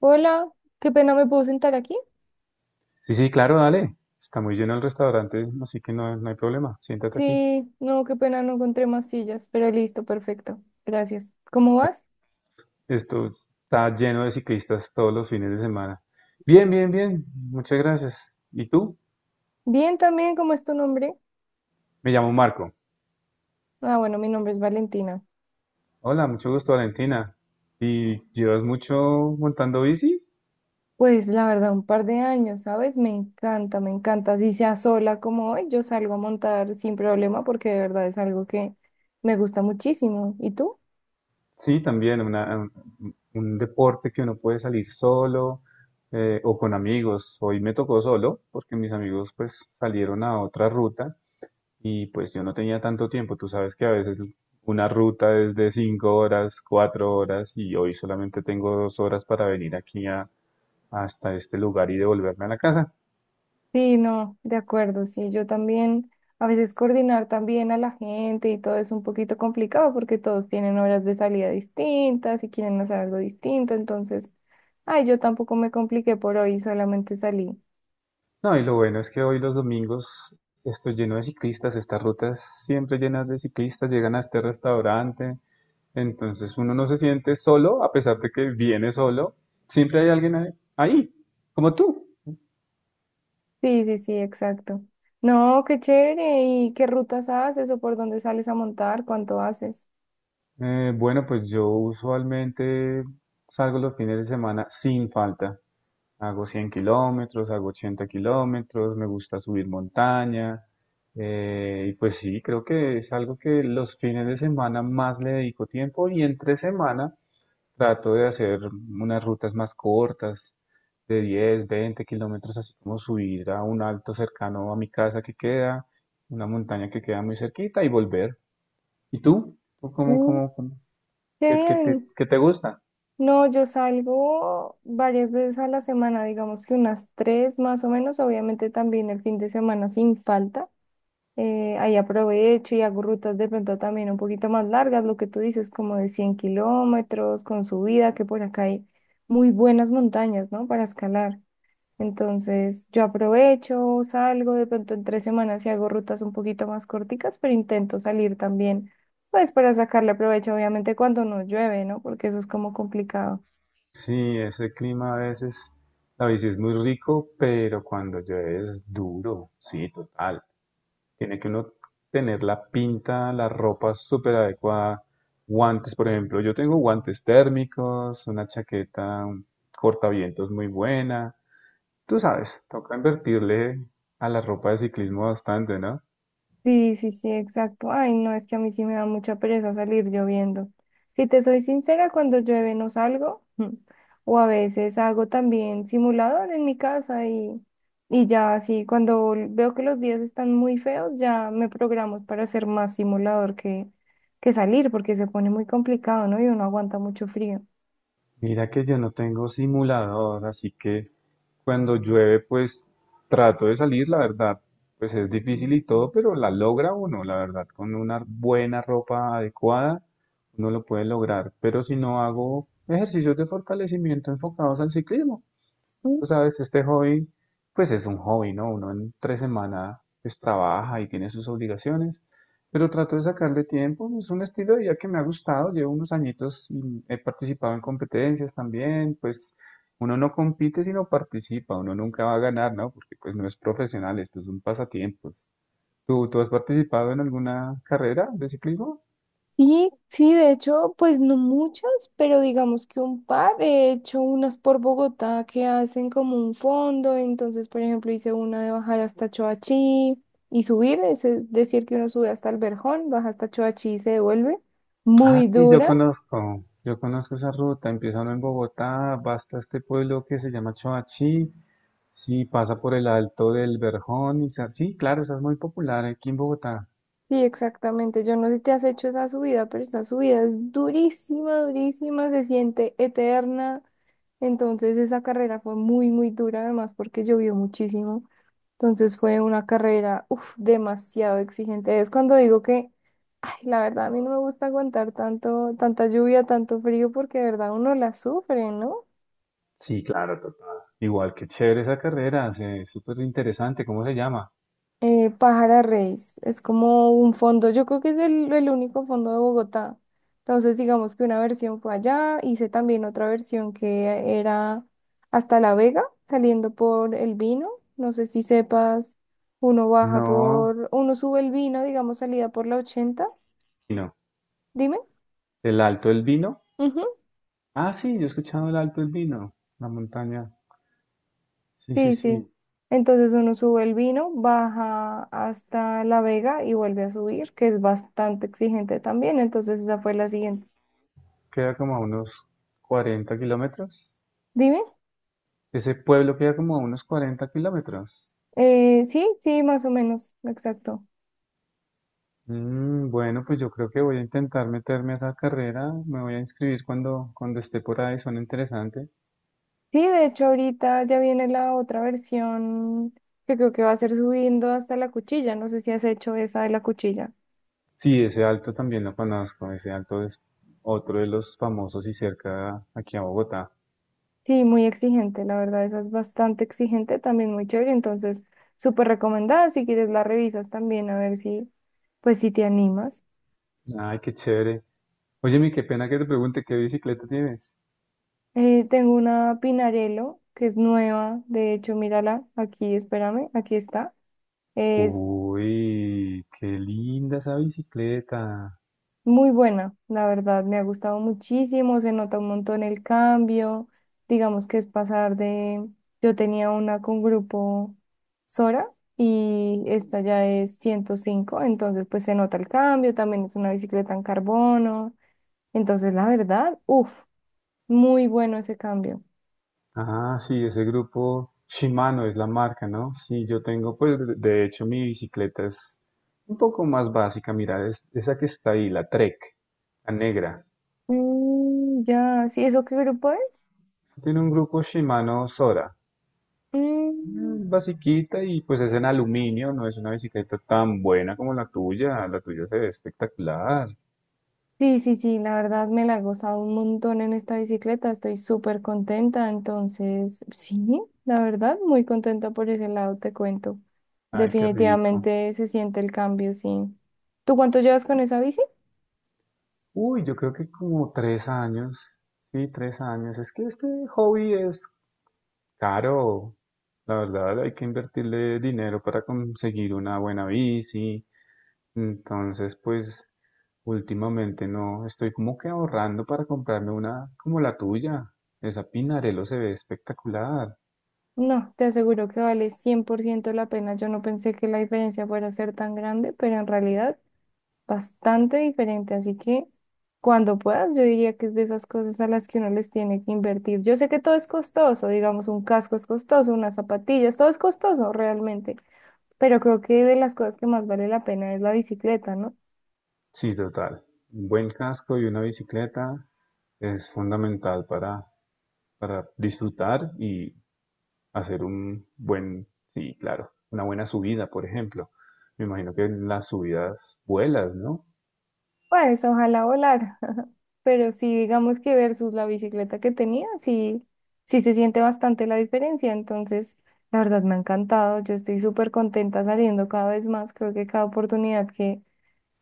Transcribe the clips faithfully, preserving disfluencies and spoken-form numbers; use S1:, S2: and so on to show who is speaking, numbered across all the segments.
S1: Hola, qué pena, ¿me puedo sentar aquí?
S2: Sí, sí, claro, dale. Está muy lleno el restaurante, así que no, no hay problema. Siéntate aquí.
S1: Sí, no, qué pena, no encontré más sillas, pero listo, perfecto, gracias. ¿Cómo vas?
S2: Esto está lleno de ciclistas todos los fines de semana. Bien, bien, bien. Muchas gracias. ¿Y tú?
S1: Bien también, ¿cómo es tu nombre?
S2: Me llamo Marco.
S1: Ah, bueno, mi nombre es Valentina.
S2: Hola, mucho gusto, Valentina. ¿Y llevas mucho montando bici?
S1: Pues la verdad, un par de años, ¿sabes? Me encanta, me encanta. Si sea sola como hoy, yo salgo a montar sin problema porque de verdad es algo que me gusta muchísimo. ¿Y tú?
S2: Sí, también una- un, un deporte que uno puede salir solo, eh, o con amigos. Hoy me tocó solo porque mis amigos pues salieron a otra ruta. Y pues yo no tenía tanto tiempo, tú sabes que a veces una ruta es de cinco horas, cuatro horas y hoy solamente tengo dos horas para venir aquí a, hasta este lugar y devolverme a la casa.
S1: Sí, no, de acuerdo, sí, yo también, a veces coordinar también a la gente y todo es un poquito complicado porque todos tienen horas de salida distintas y quieren hacer algo distinto, entonces, ay, yo tampoco me compliqué por hoy, solamente salí.
S2: No, y lo bueno es que hoy los domingos estoy lleno de ciclistas, estas rutas siempre llenas de ciclistas, llegan a este restaurante, entonces uno no se siente solo a pesar de que viene solo, siempre hay alguien ahí, ahí, como tú.
S1: Sí, sí, sí, exacto. No, qué chévere, ¿y qué rutas haces o por dónde sales a montar? ¿Cuánto haces?
S2: Eh, bueno, pues yo usualmente salgo los fines de semana sin falta. Hago cien kilómetros, hago ochenta kilómetros, me gusta subir montaña. Eh, y pues sí, creo que es algo que los fines de semana más le dedico tiempo y entre semana trato de hacer unas rutas más cortas, de diez veinte kilómetros, así como subir a un alto cercano a mi casa que queda, una montaña que queda muy cerquita y volver. ¿Y tú? ¿Tú cómo,
S1: Mm,
S2: cómo, cómo?
S1: qué
S2: ¿Qué, qué te,
S1: bien.
S2: qué te gusta?
S1: No, yo salgo varias veces a la semana, digamos que unas tres más o menos, obviamente también el fin de semana sin falta. Eh, ahí aprovecho y hago rutas de pronto también un poquito más largas, lo que tú dices, como de cien kilómetros, con subida, que por acá hay muy buenas montañas, ¿no? Para escalar. Entonces, yo aprovecho, salgo de pronto en tres semanas y hago rutas un poquito más corticas, pero intento salir también, pues para sacarle provecho, obviamente cuando no llueve, ¿no? Porque eso es como complicado.
S2: Sí, ese clima a veces, la bici es muy rico, pero cuando llueve es duro, sí, total. Tiene que uno tener la pinta, la ropa súper adecuada, guantes, por ejemplo. Yo tengo guantes térmicos, una chaqueta, un cortavientos muy buena. Tú sabes, toca invertirle a la ropa de ciclismo bastante, ¿no?
S1: Sí, sí, sí, exacto. Ay, no, es que a mí sí me da mucha pereza salir lloviendo. Si te soy sincera, cuando llueve no salgo. mm, O a veces hago también simulador en mi casa y, y ya así, cuando l- veo que los días están muy feos, ya me programo para hacer más simulador que, que salir, porque se pone muy complicado, ¿no? Y uno aguanta mucho frío.
S2: Mira que yo no tengo simulador, así que cuando llueve, pues trato de salir, la verdad, pues es difícil y todo, pero la logra uno, la verdad, con una buena ropa adecuada, uno lo puede lograr. Pero si no hago ejercicios de fortalecimiento enfocados al ciclismo. Tú sabes, este hobby, pues es un hobby, ¿no? Uno en tres semanas pues trabaja y tiene sus obligaciones, pero trato de sacarle tiempo, es un estilo de vida que me ha gustado, llevo unos añitos y he participado en competencias también, pues uno no compite sino participa, uno nunca va a ganar, ¿no? Porque pues no es profesional, esto es un pasatiempo. ¿Tú, tú has participado en alguna carrera de ciclismo?
S1: Sí, sí, de hecho, pues no muchas, pero digamos que un par. He hecho unas por Bogotá que hacen como un fondo, entonces, por ejemplo, hice una de bajar hasta Choachí y subir, es es decir, que uno sube hasta el Verjón, baja hasta Choachí y se devuelve.
S2: Ah,
S1: Muy
S2: sí, yo
S1: dura.
S2: conozco, yo conozco esa ruta, empieza uno en Bogotá, va hasta este pueblo que se llama Choachí, sí, pasa por el Alto del Verjón, y sa- sí, claro, esa es muy popular aquí en Bogotá.
S1: Sí, exactamente. Yo no sé si te has hecho esa subida, pero esa subida es durísima, durísima, se siente eterna. Entonces, esa carrera fue muy, muy dura, además, porque llovió muchísimo. Entonces fue una carrera, uf, demasiado exigente. Es cuando digo que, ay, la verdad, a mí no me gusta aguantar tanto, tanta lluvia, tanto frío, porque de verdad uno la sufre, ¿no?
S2: Sí, claro, total. Igual, que chévere esa carrera, se- súper interesante, ¿cómo se llama?
S1: Eh, Pájara Reis, es como un fondo, yo creo que es el, el único fondo de Bogotá. Entonces, digamos que una versión fue allá, hice también otra versión que era hasta La Vega, saliendo por el vino. No sé si sepas, uno baja
S2: No,
S1: por, uno sube el vino, digamos, salida por la ochenta.
S2: no,
S1: Dime.
S2: ¿el Alto del Vino?
S1: Ujú.
S2: Ah, sí, yo he escuchado el Alto del Vino, la montaña, sí, sí,
S1: Sí, sí.
S2: sí,
S1: Entonces uno sube el vino, baja hasta La Vega y vuelve a subir, que es bastante exigente también. Entonces esa fue la siguiente.
S2: queda como a unos cuarenta kilómetros,
S1: Dime.
S2: ese pueblo queda como a unos cuarenta kilómetros.
S1: Eh, sí, sí, más o menos, exacto.
S2: Mm, bueno, pues yo creo que voy a intentar meterme a esa carrera. Me voy a inscribir cuando, cuando esté por ahí. Suena interesante.
S1: Sí, de hecho ahorita ya viene la otra versión que creo que va a ser subiendo hasta la cuchilla. No sé si has hecho esa de la cuchilla.
S2: Sí, ese alto también lo conozco. Ese alto es otro de los famosos y cerca aquí a Bogotá.
S1: Sí, muy exigente, la verdad, esa es bastante exigente, también muy chévere. Entonces, súper recomendada. Si quieres la revisas también a ver si, pues si te animas.
S2: Ay, qué chévere. Oye, mi, qué pena que te pregunte qué bicicleta tienes.
S1: Eh, tengo una Pinarello que es nueva, de hecho, mírala, aquí, espérame, aquí está. Es
S2: Uy, qué linda esa bicicleta.
S1: muy buena, la verdad, me ha gustado muchísimo, se nota un montón el cambio, digamos que es pasar de, yo tenía una con grupo Sora y esta ya es ciento cinco, entonces pues se nota el cambio, también es una bicicleta en carbono, entonces la verdad, uff, muy bueno ese cambio.
S2: Ah, sí, ese grupo Shimano es la marca, ¿no? Sí, yo tengo, pues de de hecho mi bicicleta es un poco más básica, mira, es esa que está ahí, la Trek, la negra.
S1: Mm, ya, ¿sí eso qué grupo es?
S2: Tiene un grupo Shimano Sora,
S1: Mm.
S2: mm, basiquita y pues es en aluminio, no es una bicicleta tan buena como la tuya, la tuya se ve espectacular.
S1: Sí, sí, sí, la verdad me la he gozado un montón en esta bicicleta, estoy súper contenta, entonces sí, la verdad muy contenta por ese lado, te cuento.
S2: Ay, qué rico.
S1: Definitivamente se siente el cambio, sí. ¿Tú cuánto llevas con esa bici?
S2: Uy, yo creo que como tres años, sí, tres años. Es que este hobby es caro, la verdad hay que invertirle dinero para conseguir una buena bici. Entonces, pues últimamente no, estoy como que ahorrando para comprarme una como la tuya. Esa Pinarello se ve espectacular.
S1: No, te aseguro que vale cien por ciento la pena. Yo no pensé que la diferencia fuera a ser tan grande, pero en realidad bastante diferente, así que cuando puedas, yo diría que es de esas cosas a las que uno les tiene que invertir. Yo sé que todo es costoso, digamos, un casco es costoso, unas zapatillas, todo es costoso realmente, pero creo que de las cosas que más vale la pena es la bicicleta, ¿no?
S2: Sí, total. Un buen casco y una bicicleta es fundamental para, para, disfrutar y hacer un buen, sí, claro, una buena subida, por ejemplo. Me imagino que en las subidas vuelas, ¿no?
S1: Pues ojalá volara, pero sí, digamos que versus la bicicleta que tenía, sí, sí se siente bastante la diferencia, entonces... La verdad me ha encantado, yo estoy súper contenta saliendo cada vez más, creo que cada oportunidad que,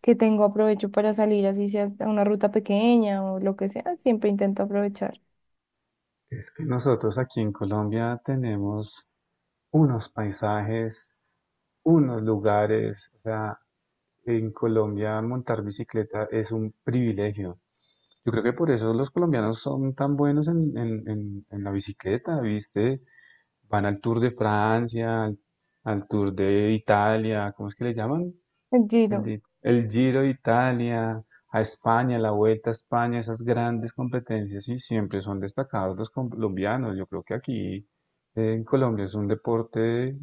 S1: que tengo aprovecho para salir, así sea a una ruta pequeña o lo que sea, siempre intento aprovechar.
S2: Es que nosotros aquí en Colombia tenemos unos paisajes, unos lugares, o sea, en Colombia montar bicicleta es un privilegio. Yo creo que por eso los colombianos son tan buenos en, en- en- en la bicicleta, ¿viste? Van al Tour de Francia, al, al Tour de Italia, ¿cómo es que le llaman?
S1: El
S2: El,
S1: Giro,
S2: di- el Giro de Italia, a España, la Vuelta a España, esas grandes competencias sí siempre son destacados los colombianos. Yo creo que aquí, eh, en Colombia es un deporte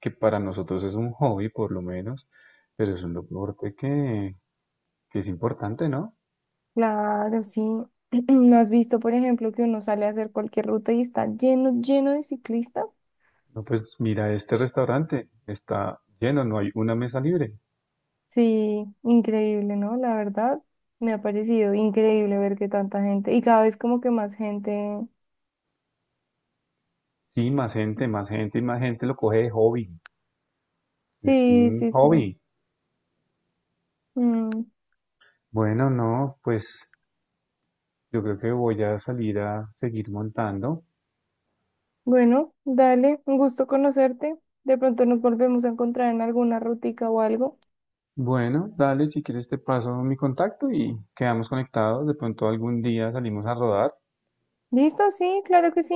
S2: que para nosotros es un hobby por lo menos, pero es un deporte que, que es importante, ¿no?
S1: claro, sí. ¿No has visto, por ejemplo, que uno sale a hacer cualquier ruta y está lleno, lleno de ciclistas?
S2: No, pues mira, este restaurante está lleno, no hay una mesa libre.
S1: Sí, increíble, ¿no? La verdad, me ha parecido increíble ver que tanta gente, y cada vez como que más gente.
S2: Sí, más gente, más gente y más gente lo coge de hobby. Es
S1: Sí,
S2: un
S1: sí, sí.
S2: hobby.
S1: Mm.
S2: Bueno, no, pues yo creo que voy a salir a seguir montando.
S1: Bueno, dale, un gusto conocerte. De pronto nos volvemos a encontrar en alguna rutica o algo.
S2: Bueno, dale, si quieres te paso mi contacto y quedamos conectados. De pronto algún día salimos a rodar.
S1: ¿Listo? Sí, claro que sí.